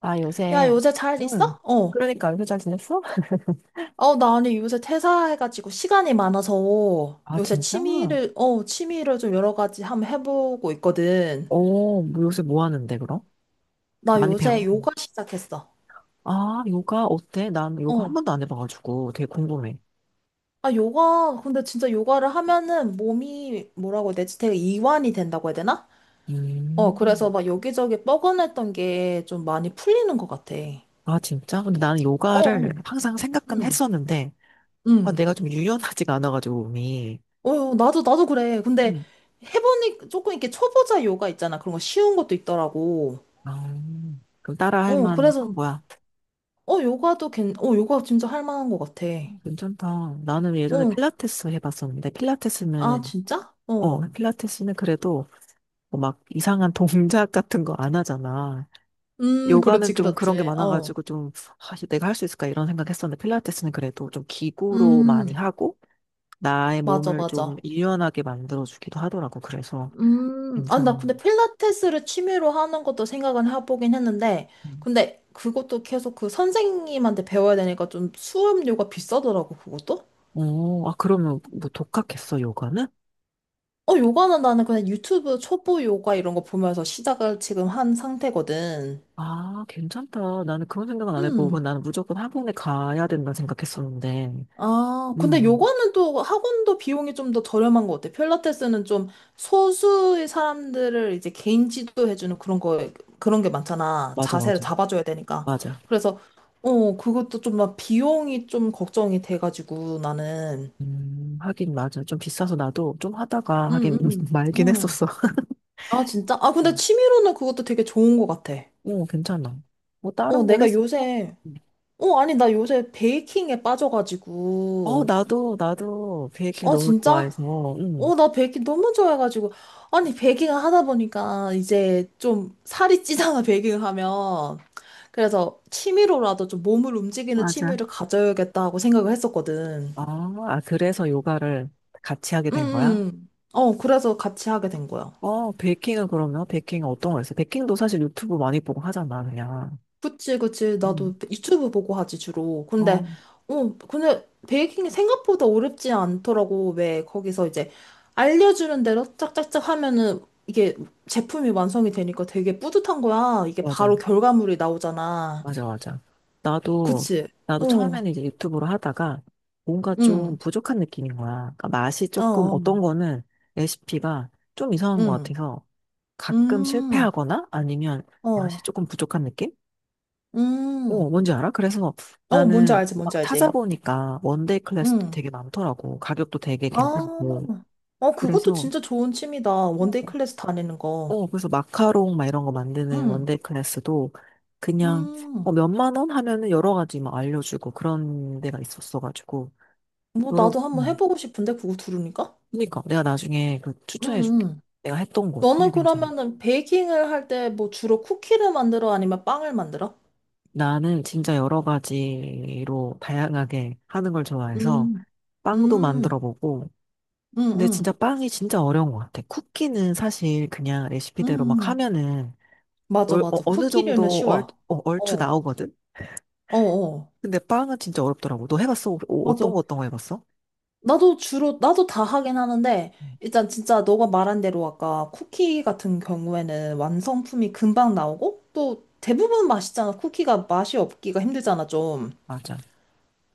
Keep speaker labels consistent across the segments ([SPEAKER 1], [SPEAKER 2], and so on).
[SPEAKER 1] 야,
[SPEAKER 2] 요새,
[SPEAKER 1] 요새 잘
[SPEAKER 2] 응.
[SPEAKER 1] 있어? 어.
[SPEAKER 2] 그러니까, 요새 잘 지냈어?
[SPEAKER 1] 나 아니 요새 퇴사해가지고 시간이 많아서
[SPEAKER 2] 아,
[SPEAKER 1] 요새
[SPEAKER 2] 진짜?
[SPEAKER 1] 취미를 좀 여러 가지 한번 해보고 있거든.
[SPEAKER 2] 뭐 요새 뭐 하는데, 그럼?
[SPEAKER 1] 나
[SPEAKER 2] 많이
[SPEAKER 1] 요새
[SPEAKER 2] 배워.
[SPEAKER 1] 요가 시작했어.
[SPEAKER 2] 아, 요가 어때? 난 요가 한
[SPEAKER 1] 어.
[SPEAKER 2] 번도 안 해봐가지고 되게 궁금해.
[SPEAKER 1] 아, 요가, 근데 진짜 요가를 하면은 몸이 뭐라고 해야 되지? 되게 이완이 된다고 해야 되나? 그래서
[SPEAKER 2] 음.
[SPEAKER 1] 막 여기저기 뻐근했던 게 좀 많이 풀리는 것 같아.
[SPEAKER 2] 아, 진짜? 근데 나는
[SPEAKER 1] 어,
[SPEAKER 2] 요가를
[SPEAKER 1] 어.
[SPEAKER 2] 항상 생각은
[SPEAKER 1] 응,
[SPEAKER 2] 했었는데,
[SPEAKER 1] 응.
[SPEAKER 2] 내가 좀 유연하지가 않아가지고, 몸이.
[SPEAKER 1] 어, 어, 나도 그래. 근데
[SPEAKER 2] 음.
[SPEAKER 1] 해보니 조금 이렇게 초보자 요가 있잖아. 그런 거 쉬운 것도 있더라고.
[SPEAKER 2] 아, 그럼 따라 할 만한
[SPEAKER 1] 그래서,
[SPEAKER 2] 거야.
[SPEAKER 1] 요가 진짜 할 만한 것 같아.
[SPEAKER 2] 괜찮다. 나는 예전에
[SPEAKER 1] 어,
[SPEAKER 2] 필라테스 해봤었는데,
[SPEAKER 1] 아,
[SPEAKER 2] 필라테스는,
[SPEAKER 1] 진짜? 어.
[SPEAKER 2] 필라테스는 그래도 뭐막 이상한 동작 같은 거 안 하잖아.
[SPEAKER 1] 그렇지,
[SPEAKER 2] 요가는 좀
[SPEAKER 1] 그렇지.
[SPEAKER 2] 그런 게
[SPEAKER 1] 어.
[SPEAKER 2] 많아가지고 좀 아, 이거 내가 할 수 있을까 이런 생각했었는데 필라테스는 그래도 좀 기구로 많이
[SPEAKER 1] 음,
[SPEAKER 2] 하고 나의
[SPEAKER 1] 맞아,
[SPEAKER 2] 몸을 좀
[SPEAKER 1] 맞아.
[SPEAKER 2] 유연하게 만들어주기도 하더라고. 그래서
[SPEAKER 1] 아, 나
[SPEAKER 2] 괜찮은.
[SPEAKER 1] 근데 필라테스를 취미로 하는 것도 생각은 해보긴 했는데,
[SPEAKER 2] 음.
[SPEAKER 1] 근데 그것도 계속 그 선생님한테 배워야 되니까 좀 수업료가 비싸더라고, 그것도?
[SPEAKER 2] 아 그러면 뭐 독학했어 요가는?
[SPEAKER 1] 요가는 나는 그냥 유튜브 초보 요가 이런 거 보면서 시작을 지금 한 상태거든.
[SPEAKER 2] 아 괜찮다. 나는 그런 생각은 안 해보고
[SPEAKER 1] 음
[SPEAKER 2] 나는 무조건 학원에 가야 된다 생각했었는데.
[SPEAKER 1] 아, 근데
[SPEAKER 2] 음
[SPEAKER 1] 요거는 또 학원도 비용이 좀 더 저렴한 것 같아. 필라테스는 좀 소수의 사람들을 이제 개인 지도해주는 그런 게 많잖아.
[SPEAKER 2] 맞아
[SPEAKER 1] 자세를
[SPEAKER 2] 맞아
[SPEAKER 1] 잡아줘야 되니까.
[SPEAKER 2] 맞아.
[SPEAKER 1] 그래서, 그것도 좀 막 비용이 좀 걱정이 돼가지고 나는.
[SPEAKER 2] 하긴 맞아. 좀 비싸서 나도 좀 하다가 하긴
[SPEAKER 1] 응, 응,
[SPEAKER 2] 말긴
[SPEAKER 1] 응.
[SPEAKER 2] 했었어.
[SPEAKER 1] 아, 진짜? 아, 근데 취미로는 그것도 되게 좋은 것 같아.
[SPEAKER 2] 응, 괜찮아. 뭐
[SPEAKER 1] 어,
[SPEAKER 2] 다른 거
[SPEAKER 1] 내가
[SPEAKER 2] 했어?
[SPEAKER 1] 요새, 아니, 나 요새 베이킹에
[SPEAKER 2] 어,
[SPEAKER 1] 빠져가지고.
[SPEAKER 2] 나도 베이킹
[SPEAKER 1] 어,
[SPEAKER 2] 너무
[SPEAKER 1] 진짜?
[SPEAKER 2] 좋아해서, 응.
[SPEAKER 1] 나 베이킹 너무 좋아해가지고. 아니, 베이킹을 하다 보니까 이제 좀 살이 찌잖아, 베이킹을 하면. 그래서 취미로라도 좀 몸을 움직이는
[SPEAKER 2] 맞아.
[SPEAKER 1] 취미를 가져야겠다 하고 생각을 했었거든.
[SPEAKER 2] 아, 아, 그래서 요가를 같이 하게
[SPEAKER 1] 응,
[SPEAKER 2] 된
[SPEAKER 1] 응.
[SPEAKER 2] 거야?
[SPEAKER 1] 응. 그래서 같이 하게 된 거야.
[SPEAKER 2] 어, 베이킹은 그러면, 베이킹은 어떤 거 했어? 베이킹도 사실 유튜브 많이 보고 하잖아, 그냥.
[SPEAKER 1] 그치, 그치.
[SPEAKER 2] 음.
[SPEAKER 1] 나도 유튜브 보고 하지, 주로.
[SPEAKER 2] 어,
[SPEAKER 1] 근데 베이킹이 생각보다 어렵지 않더라고. 왜 거기서 이제 알려주는 대로 짝짝짝 하면은 이게 제품이 완성이 되니까 되게 뿌듯한 거야. 이게 바로
[SPEAKER 2] 맞아,
[SPEAKER 1] 결과물이 나오잖아.
[SPEAKER 2] 맞아, 맞아. 나도,
[SPEAKER 1] 그치?
[SPEAKER 2] 나도
[SPEAKER 1] 어,
[SPEAKER 2] 처음에는 이제 유튜브로 하다가 뭔가 좀
[SPEAKER 1] 응,
[SPEAKER 2] 부족한 느낌인 거야. 그러니까 맛이
[SPEAKER 1] 어,
[SPEAKER 2] 조금
[SPEAKER 1] 어,
[SPEAKER 2] 어떤 거는 레시피가 좀 이상한 것
[SPEAKER 1] 응,
[SPEAKER 2] 같아서 가끔
[SPEAKER 1] 음,
[SPEAKER 2] 실패하거나 아니면
[SPEAKER 1] 어,
[SPEAKER 2] 맛이 조금 부족한 느낌?
[SPEAKER 1] 음.
[SPEAKER 2] 뭔지 알아? 그래서
[SPEAKER 1] 뭔지
[SPEAKER 2] 나는
[SPEAKER 1] 알지,
[SPEAKER 2] 막
[SPEAKER 1] 뭔지 알지.
[SPEAKER 2] 찾아보니까 원데이 클래스도
[SPEAKER 1] 응.
[SPEAKER 2] 되게 많더라고. 가격도 되게
[SPEAKER 1] 아,
[SPEAKER 2] 괜찮고.
[SPEAKER 1] 그것도
[SPEAKER 2] 그래서,
[SPEAKER 1] 진짜 좋은 취미다. 원데이 클래스 다니는 거.
[SPEAKER 2] 그래서 마카롱 막 이런 거 만드는
[SPEAKER 1] 응.
[SPEAKER 2] 원데이 클래스도 그냥
[SPEAKER 1] 음.
[SPEAKER 2] 몇만 원 하면은 여러 가지 막 알려주고 그런 데가 있었어가지고.
[SPEAKER 1] 뭐
[SPEAKER 2] 여러,
[SPEAKER 1] 나도 한번 해보고 싶은데 그거 들으니까?
[SPEAKER 2] 그러니까 내가 나중에 그
[SPEAKER 1] 응,
[SPEAKER 2] 추천해줄게.
[SPEAKER 1] 응.
[SPEAKER 2] 내가 했던 곳. 되게
[SPEAKER 1] 너는
[SPEAKER 2] 괜찮아.
[SPEAKER 1] 그러면은 베이킹을 할 때 뭐 주로 쿠키를 만들어 아니면 빵을 만들어?
[SPEAKER 2] 나는 진짜 여러 가지로 다양하게 하는 걸 좋아해서
[SPEAKER 1] 음,
[SPEAKER 2] 빵도 만들어
[SPEAKER 1] 음,
[SPEAKER 2] 보고,
[SPEAKER 1] 음,
[SPEAKER 2] 근데 진짜
[SPEAKER 1] 음,
[SPEAKER 2] 빵이 진짜 어려운 것 같아. 쿠키는 사실 그냥 레시피대로
[SPEAKER 1] 음.
[SPEAKER 2] 막
[SPEAKER 1] 음.
[SPEAKER 2] 하면은
[SPEAKER 1] 맞아,
[SPEAKER 2] 얼,
[SPEAKER 1] 맞아.
[SPEAKER 2] 어, 느
[SPEAKER 1] 쿠키류는
[SPEAKER 2] 정도 얼,
[SPEAKER 1] 쉬워.
[SPEAKER 2] 어, 얼추
[SPEAKER 1] 어,
[SPEAKER 2] 나오거든?
[SPEAKER 1] 어, 어.
[SPEAKER 2] 근데 빵은 진짜 어렵더라고. 너 해봤어? 어,
[SPEAKER 1] 맞아.
[SPEAKER 2] 떤거 어떤 거 해봤어?
[SPEAKER 1] 나도 다 하긴 하는데,
[SPEAKER 2] 음,
[SPEAKER 1] 일단 진짜 너가 말한 대로 아까 쿠키 같은 경우에는 완성품이 금방 나오고, 또 대부분 맛있잖아. 쿠키가 맛이 없기가 힘들잖아, 좀.
[SPEAKER 2] 맞아.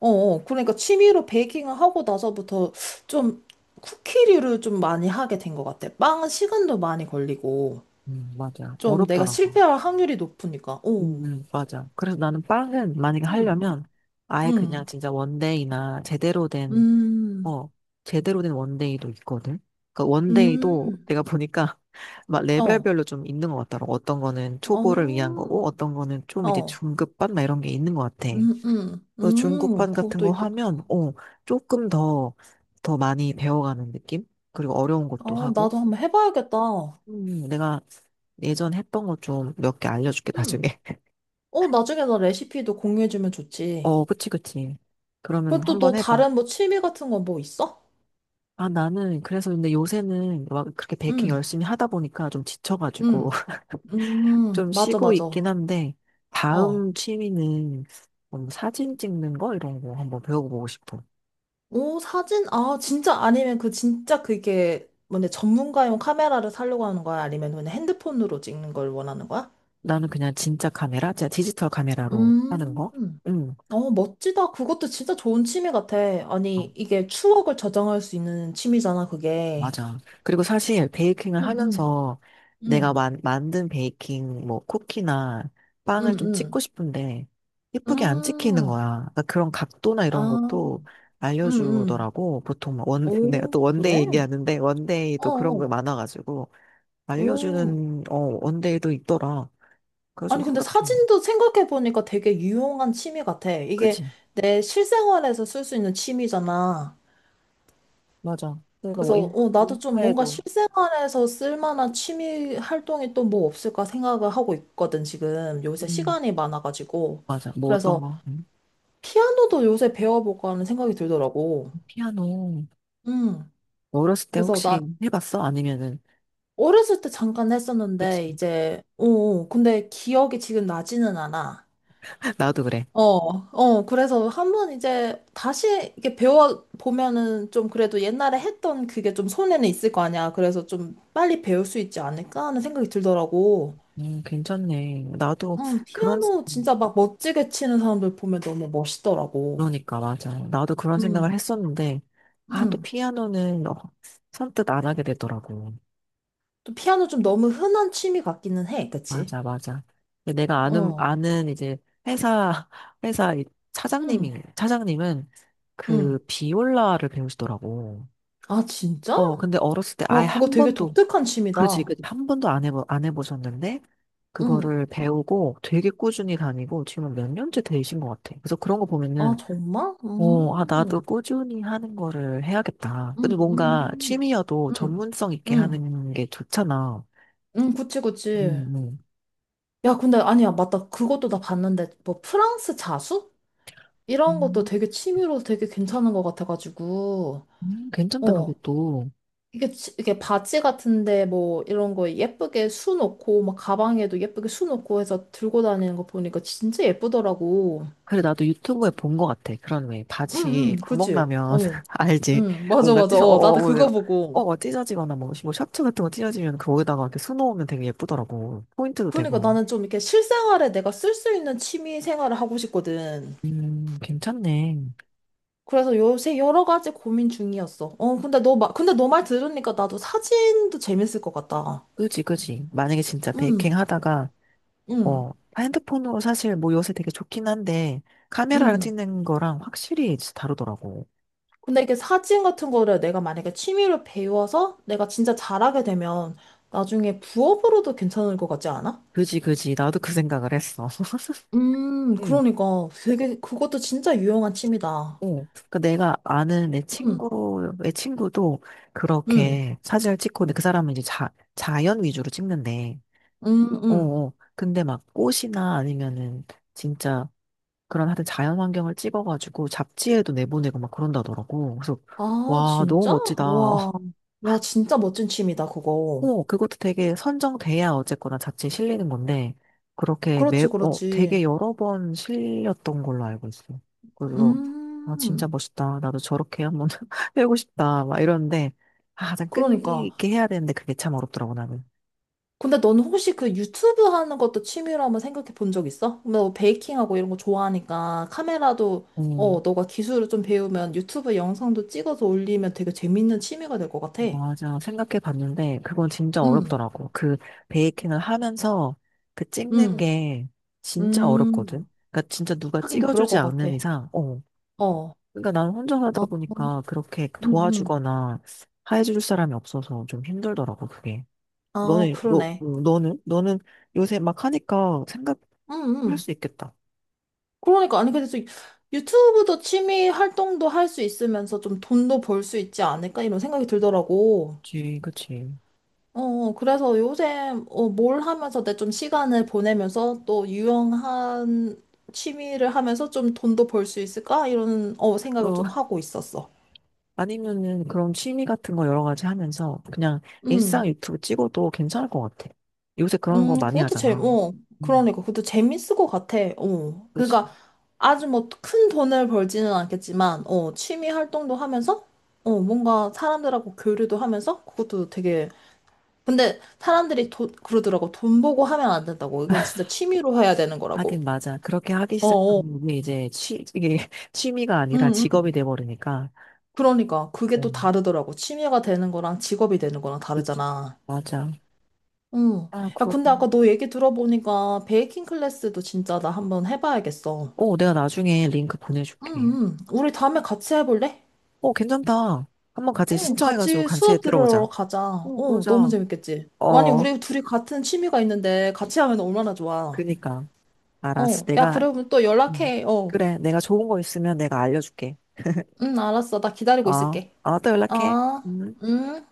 [SPEAKER 1] 어, 어. 그러니까 취미로 베이킹을 하고 나서부터 좀 쿠키류를 좀 많이 하게 된 것 같아. 빵은 시간도 많이 걸리고,
[SPEAKER 2] 맞아.
[SPEAKER 1] 좀 내가
[SPEAKER 2] 어렵더라고.
[SPEAKER 1] 실패할 확률이 높으니까. 오,
[SPEAKER 2] 맞아. 그래서 나는 빵은 만약에
[SPEAKER 1] 음,
[SPEAKER 2] 하려면 아예 그냥
[SPEAKER 1] 음,
[SPEAKER 2] 진짜 원데이나 제대로 된
[SPEAKER 1] 음,
[SPEAKER 2] 어, 제대로 된 원데이도 있거든. 그러니까 원데이도
[SPEAKER 1] 음,
[SPEAKER 2] 내가 보니까 막
[SPEAKER 1] 어,
[SPEAKER 2] 레벨별로 좀 있는 것 같더라고. 어떤 거는 초보를 위한
[SPEAKER 1] 어,
[SPEAKER 2] 거고, 어떤 거는 좀 이제
[SPEAKER 1] 어,
[SPEAKER 2] 중급반 막 이런 게 있는 것 같아. 그 중급반 같은
[SPEAKER 1] 그것도
[SPEAKER 2] 거
[SPEAKER 1] 있구나.
[SPEAKER 2] 하면, 조금 더, 더 많이 배워가는 느낌? 그리고 어려운 것도 하고.
[SPEAKER 1] 나도 한번 해봐야겠다.
[SPEAKER 2] 내가 예전 했던 거 좀 몇 개 알려줄게,
[SPEAKER 1] 음,
[SPEAKER 2] 나중에.
[SPEAKER 1] 나중에 나 레시피도 공유해주면 좋지.
[SPEAKER 2] 어, 그치, 그치. 그러면
[SPEAKER 1] 그럼 또
[SPEAKER 2] 한번
[SPEAKER 1] 너
[SPEAKER 2] 해봐.
[SPEAKER 1] 다른 뭐 취미 같은 거 뭐 있어?
[SPEAKER 2] 나는, 그래서 근데 요새는 막 그렇게 베이킹
[SPEAKER 1] 음,
[SPEAKER 2] 열심히 하다 보니까 좀 지쳐가지고.
[SPEAKER 1] 음.
[SPEAKER 2] 좀
[SPEAKER 1] 맞아,
[SPEAKER 2] 쉬고
[SPEAKER 1] 맞아.
[SPEAKER 2] 있긴 한데,
[SPEAKER 1] 어.
[SPEAKER 2] 다음 취미는 사진 찍는 거? 이런 거 한번 배워보고 싶어.
[SPEAKER 1] 오, 사진? 아, 진짜 아니면 그 진짜 그게 뭔데 전문가용 카메라를 사려고 하는 거야? 아니면 그냥 핸드폰으로 찍는 걸 원하는 거야?
[SPEAKER 2] 나는 그냥 진짜 카메라, 진짜 디지털 카메라로 하는
[SPEAKER 1] 음.
[SPEAKER 2] 거? 응,
[SPEAKER 1] 멋지다. 그것도 진짜 좋은 취미 같아.
[SPEAKER 2] 어,
[SPEAKER 1] 아니, 이게 추억을 저장할 수 있는 취미잖아, 그게.
[SPEAKER 2] 맞아. 그리고 사실 베이킹을
[SPEAKER 1] 응, 응,
[SPEAKER 2] 하면서 내가
[SPEAKER 1] 응,
[SPEAKER 2] 만든 베이킹, 뭐, 쿠키나 빵을 좀 찍고
[SPEAKER 1] 응,
[SPEAKER 2] 싶은데,
[SPEAKER 1] 응.
[SPEAKER 2] 예쁘게 안 찍히는
[SPEAKER 1] 음.
[SPEAKER 2] 거야. 그러니까 그런 각도나 이런
[SPEAKER 1] 아,
[SPEAKER 2] 것도
[SPEAKER 1] 응, 응.
[SPEAKER 2] 알려주더라고. 보통 막 원, 내가
[SPEAKER 1] 오,
[SPEAKER 2] 또 원데이
[SPEAKER 1] 그래?
[SPEAKER 2] 얘기하는데, 원데이도
[SPEAKER 1] 어,
[SPEAKER 2] 그런 거
[SPEAKER 1] 어.
[SPEAKER 2] 많아가지고.
[SPEAKER 1] 오.
[SPEAKER 2] 알려주는, 원데이도 있더라. 그거 좀
[SPEAKER 1] 아니, 근데
[SPEAKER 2] 생각 좀 해.
[SPEAKER 1] 사진도 생각해보니까 되게 유용한 취미 같아. 이게
[SPEAKER 2] 그치?
[SPEAKER 1] 내 실생활에서 쓸 수 있는 취미잖아.
[SPEAKER 2] 맞아. 그래서 뭐
[SPEAKER 1] 그래서,
[SPEAKER 2] 인-
[SPEAKER 1] 나도 좀 뭔가
[SPEAKER 2] 인파에도
[SPEAKER 1] 실생활에서 쓸만한 취미 활동이 또 뭐 없을까 생각을 하고 있거든, 지금. 요새
[SPEAKER 2] 음,
[SPEAKER 1] 시간이 많아가지고.
[SPEAKER 2] 맞아. 뭐 어떤
[SPEAKER 1] 그래서
[SPEAKER 2] 거?
[SPEAKER 1] 피아노도 요새 배워볼까 하는 생각이 들더라고.
[SPEAKER 2] 피아노.
[SPEAKER 1] 음.
[SPEAKER 2] 뭐 어렸을 때
[SPEAKER 1] 그래서 나
[SPEAKER 2] 혹시 해봤어? 아니면은,
[SPEAKER 1] 어렸을 때 잠깐
[SPEAKER 2] 그치?
[SPEAKER 1] 했었는데, 이제, 근데 기억이 지금 나지는 않아.
[SPEAKER 2] 나도 그래.
[SPEAKER 1] 어, 그래서 한번 이제 다시 이렇게 배워보면은 좀 그래도 옛날에 했던 그게 좀 손에는 있을 거 아니야. 그래서 좀 빨리 배울 수 있지 않을까 하는 생각이 들더라고.
[SPEAKER 2] 괜찮네. 나도
[SPEAKER 1] 응,
[SPEAKER 2] 그런, 생-
[SPEAKER 1] 피아노 진짜 막 멋지게 치는 사람들 보면 너무 멋있더라고.
[SPEAKER 2] 그러니까, 맞아. 나도 그런 생각을
[SPEAKER 1] 응,
[SPEAKER 2] 했었는데, 아, 또
[SPEAKER 1] 응.
[SPEAKER 2] 피아노는, 선뜻 안 하게 되더라고.
[SPEAKER 1] 또 피아노 좀 너무 흔한 취미 같기는 해, 그치?
[SPEAKER 2] 맞아, 맞아. 근데 내가
[SPEAKER 1] 어,
[SPEAKER 2] 아는 이제 회사, 회사 이
[SPEAKER 1] 응,
[SPEAKER 2] 차장님이, 차장님은
[SPEAKER 1] 응.
[SPEAKER 2] 그 비올라를 배우시더라고.
[SPEAKER 1] 아, 진짜?
[SPEAKER 2] 어, 근데 어렸을 때
[SPEAKER 1] 야,
[SPEAKER 2] 아예
[SPEAKER 1] 그거
[SPEAKER 2] 한
[SPEAKER 1] 되게
[SPEAKER 2] 번도,
[SPEAKER 1] 독특한
[SPEAKER 2] 그지,
[SPEAKER 1] 취미다.
[SPEAKER 2] 그지, 한 번도 안 해보셨는데,
[SPEAKER 1] 응.
[SPEAKER 2] 그거를 배우고 되게 꾸준히 다니고 지금 몇 년째 되신 것 같아. 그래서 그런 거
[SPEAKER 1] 아,
[SPEAKER 2] 보면은,
[SPEAKER 1] 정말?
[SPEAKER 2] 어, 아, 나도
[SPEAKER 1] 음.
[SPEAKER 2] 꾸준히 하는 거를 해야겠다.
[SPEAKER 1] 응,
[SPEAKER 2] 근데 뭔가
[SPEAKER 1] 응,
[SPEAKER 2] 취미여도
[SPEAKER 1] 응,
[SPEAKER 2] 전문성 있게
[SPEAKER 1] 응,
[SPEAKER 2] 하는 게 좋잖아.
[SPEAKER 1] 응, 그치, 그치.
[SPEAKER 2] 음, 음.
[SPEAKER 1] 야, 근데 아니야, 맞다. 그것도 나 봤는데, 뭐 프랑스 자수? 이런 것도
[SPEAKER 2] 음,
[SPEAKER 1] 되게 취미로 되게 괜찮은 것 같아가지고,
[SPEAKER 2] 괜찮다,
[SPEAKER 1] 어.
[SPEAKER 2] 그것도.
[SPEAKER 1] 이게 바지 같은데, 뭐, 이런 거 예쁘게 수 놓고, 막 가방에도 예쁘게 수 놓고 해서 들고 다니는 거 보니까 진짜 예쁘더라고.
[SPEAKER 2] 그래, 나도 유튜브에 본 것 같아. 그런 왜
[SPEAKER 1] 응,
[SPEAKER 2] 바지
[SPEAKER 1] 응,
[SPEAKER 2] 구멍
[SPEAKER 1] 그치.
[SPEAKER 2] 나면
[SPEAKER 1] 어.
[SPEAKER 2] 알지?
[SPEAKER 1] 응, 맞아,
[SPEAKER 2] 뭔가
[SPEAKER 1] 맞아.
[SPEAKER 2] 찢, 어,
[SPEAKER 1] 나도
[SPEAKER 2] 어, 어,
[SPEAKER 1] 그거
[SPEAKER 2] 어,
[SPEAKER 1] 보고.
[SPEAKER 2] 어, 찢어지거나 뭐, 뭐 셔츠 같은 거 찢어지면 거기다가 이렇게 수놓으면 되게 예쁘더라고. 포인트도
[SPEAKER 1] 그러니까
[SPEAKER 2] 되고.
[SPEAKER 1] 나는 좀 이렇게 실생활에 내가 쓸 수 있는 취미 생활을 하고 싶거든.
[SPEAKER 2] 괜찮네.
[SPEAKER 1] 그래서 요새 여러 가지 고민 중이었어. 근데 너 말 들으니까 나도 사진도 재밌을 것 같다.
[SPEAKER 2] 그지, 그지. 만약에 진짜
[SPEAKER 1] 응,
[SPEAKER 2] 베이킹 하다가,
[SPEAKER 1] 응,
[SPEAKER 2] 어, 핸드폰으로 사실 뭐 요새 되게 좋긴 한데, 카메라랑
[SPEAKER 1] 응.
[SPEAKER 2] 찍는 거랑 확실히 진짜 다르더라고.
[SPEAKER 1] 근데 이게 사진 같은 거를 내가 만약에 취미로 배워서 내가 진짜 잘하게 되면 나중에 부업으로도 괜찮을 것 같지 않아?
[SPEAKER 2] 그지, 그지. 나도 그 생각을 했어. 응,
[SPEAKER 1] 그러니까 되게 그것도 진짜 유용한 취미다.
[SPEAKER 2] 어, 그 내가 아는 내
[SPEAKER 1] 응,
[SPEAKER 2] 친구의 친구도
[SPEAKER 1] 응,
[SPEAKER 2] 그렇게 사진을 찍고, 근데 그 사람은 이제 자, 자연 위주로 찍는데,
[SPEAKER 1] 응,
[SPEAKER 2] 어,
[SPEAKER 1] 응.
[SPEAKER 2] 어. 근데 막 꽃이나 아니면은 진짜 그런 하여튼 자연 환경을 찍어가지고 잡지에도 내보내고 막 그런다더라고. 그래서,
[SPEAKER 1] 아,
[SPEAKER 2] 와, 너무
[SPEAKER 1] 진짜?
[SPEAKER 2] 멋지다.
[SPEAKER 1] 와, 야, 진짜 멋진 취미다, 그거.
[SPEAKER 2] 오, 그것도 되게 선정돼야 어쨌거나 자칫 실리는 건데,
[SPEAKER 1] 그렇지,
[SPEAKER 2] 되게
[SPEAKER 1] 그렇지.
[SPEAKER 2] 여러 번 실렸던 걸로 알고 있어요. 그래서, 아, 진짜
[SPEAKER 1] 음,
[SPEAKER 2] 멋있다. 나도 저렇게 한번 해보고 싶다. 막 이러는데, 아, 난 끈기
[SPEAKER 1] 그러니까.
[SPEAKER 2] 있게 해야 되는데 그게 참 어렵더라고, 나는.
[SPEAKER 1] 근데 넌 혹시 그 유튜브 하는 것도 취미로 한번 생각해 본 적 있어? 너 베이킹하고 이런 거 좋아하니까 카메라도
[SPEAKER 2] 음,
[SPEAKER 1] 너가 기술을 좀 배우면 유튜브 영상도 찍어서 올리면 되게 재밌는 취미가 될 것 같아.
[SPEAKER 2] 맞아. 생각해 봤는데, 그건 진짜
[SPEAKER 1] 응,
[SPEAKER 2] 어렵더라고. 그 베이킹을 하면서 그 찍는
[SPEAKER 1] 응,
[SPEAKER 2] 게 진짜
[SPEAKER 1] 음,
[SPEAKER 2] 어렵거든. 그러니까 진짜 누가
[SPEAKER 1] 하긴 그럴
[SPEAKER 2] 찍어주지
[SPEAKER 1] 것
[SPEAKER 2] 않는
[SPEAKER 1] 같아.
[SPEAKER 2] 이상, 어,
[SPEAKER 1] 어, 어,
[SPEAKER 2] 그러니까 난 혼자 살다 보니까 그렇게
[SPEAKER 1] 응, 응,
[SPEAKER 2] 도와주거나 해줄 사람이 없어서 좀 힘들더라고, 그게.
[SPEAKER 1] 아, 그러네.
[SPEAKER 2] 너는? 너는 요새 막 하니까 생각할
[SPEAKER 1] 응, 응.
[SPEAKER 2] 수 있겠다.
[SPEAKER 1] 그러니까, 아니, 그래서 유튜브도 취미 활동도 할 수 있으면서 좀 돈도 벌 수 있지 않을까? 이런 생각이 들더라고.
[SPEAKER 2] 그치, 그치.
[SPEAKER 1] 그래서 요즘 뭘 하면서 내 좀 시간을 보내면서 또 유용한 취미를 하면서 좀 돈도 벌 수 있을까? 이런 생각을
[SPEAKER 2] 어,
[SPEAKER 1] 좀 하고 있었어.
[SPEAKER 2] 아니면은 그런 취미 같은 거 여러 가지 하면서 그냥
[SPEAKER 1] 음,
[SPEAKER 2] 일상 유튜브 찍어도 괜찮을 것 같아. 요새 그런 거
[SPEAKER 1] 음,
[SPEAKER 2] 많이
[SPEAKER 1] 그것도 재,
[SPEAKER 2] 하잖아.
[SPEAKER 1] 어,
[SPEAKER 2] 음,
[SPEAKER 1] 그러니까 그것도 재밌을 것 같아.
[SPEAKER 2] 그치.
[SPEAKER 1] 그러니까 아주 뭐 큰 돈을 벌지는 않겠지만, 취미 활동도 하면서, 뭔가 사람들하고 교류도 하면서 그것도 되게. 근데 사람들이 돈 그러더라고. 돈 보고 하면 안 된다고. 이건 진짜 취미로 해야 되는 거라고.
[SPEAKER 2] 하긴 맞아. 그렇게 하기
[SPEAKER 1] 어어.
[SPEAKER 2] 시작하면 이게 이제 취, 이게 취미가 아니라
[SPEAKER 1] 응,
[SPEAKER 2] 직업이
[SPEAKER 1] 응.
[SPEAKER 2] 돼버리니까.
[SPEAKER 1] 그러니까 그게 또
[SPEAKER 2] 음,
[SPEAKER 1] 다르더라고. 취미가 되는 거랑 직업이 되는 거랑
[SPEAKER 2] 그치.
[SPEAKER 1] 다르잖아.
[SPEAKER 2] 맞아.
[SPEAKER 1] 응.
[SPEAKER 2] 아,
[SPEAKER 1] 야,
[SPEAKER 2] 그렇
[SPEAKER 1] 근데 아까 너 얘기 들어보니까 베이킹 클래스도 진짜 나 한번 해봐야겠어.
[SPEAKER 2] 어, 내가 나중에 링크
[SPEAKER 1] 응,
[SPEAKER 2] 보내줄게.
[SPEAKER 1] 응. 우리 다음에 같이 해볼래?
[SPEAKER 2] 어, 괜찮다. 한번 같이
[SPEAKER 1] 응,
[SPEAKER 2] 신청해가지고
[SPEAKER 1] 같이
[SPEAKER 2] 같이
[SPEAKER 1] 수업 들으러
[SPEAKER 2] 들어보자.
[SPEAKER 1] 가자.
[SPEAKER 2] 어,
[SPEAKER 1] 너무
[SPEAKER 2] 그러자.
[SPEAKER 1] 재밌겠지? 아니,
[SPEAKER 2] 어,
[SPEAKER 1] 우리 둘이 같은 취미가 있는데 같이 하면 얼마나 좋아.
[SPEAKER 2] 그니까. 알았어.
[SPEAKER 1] 어, 야,
[SPEAKER 2] 내가,
[SPEAKER 1] 그러면 또
[SPEAKER 2] 음.
[SPEAKER 1] 연락해. 어.
[SPEAKER 2] 그래. 내가 좋은 거 있으면 내가 알려줄게.
[SPEAKER 1] 응, 알았어. 나 기다리고
[SPEAKER 2] 어,
[SPEAKER 1] 있을게.
[SPEAKER 2] 어, 또 연락해.
[SPEAKER 1] 아,
[SPEAKER 2] 음.
[SPEAKER 1] 응.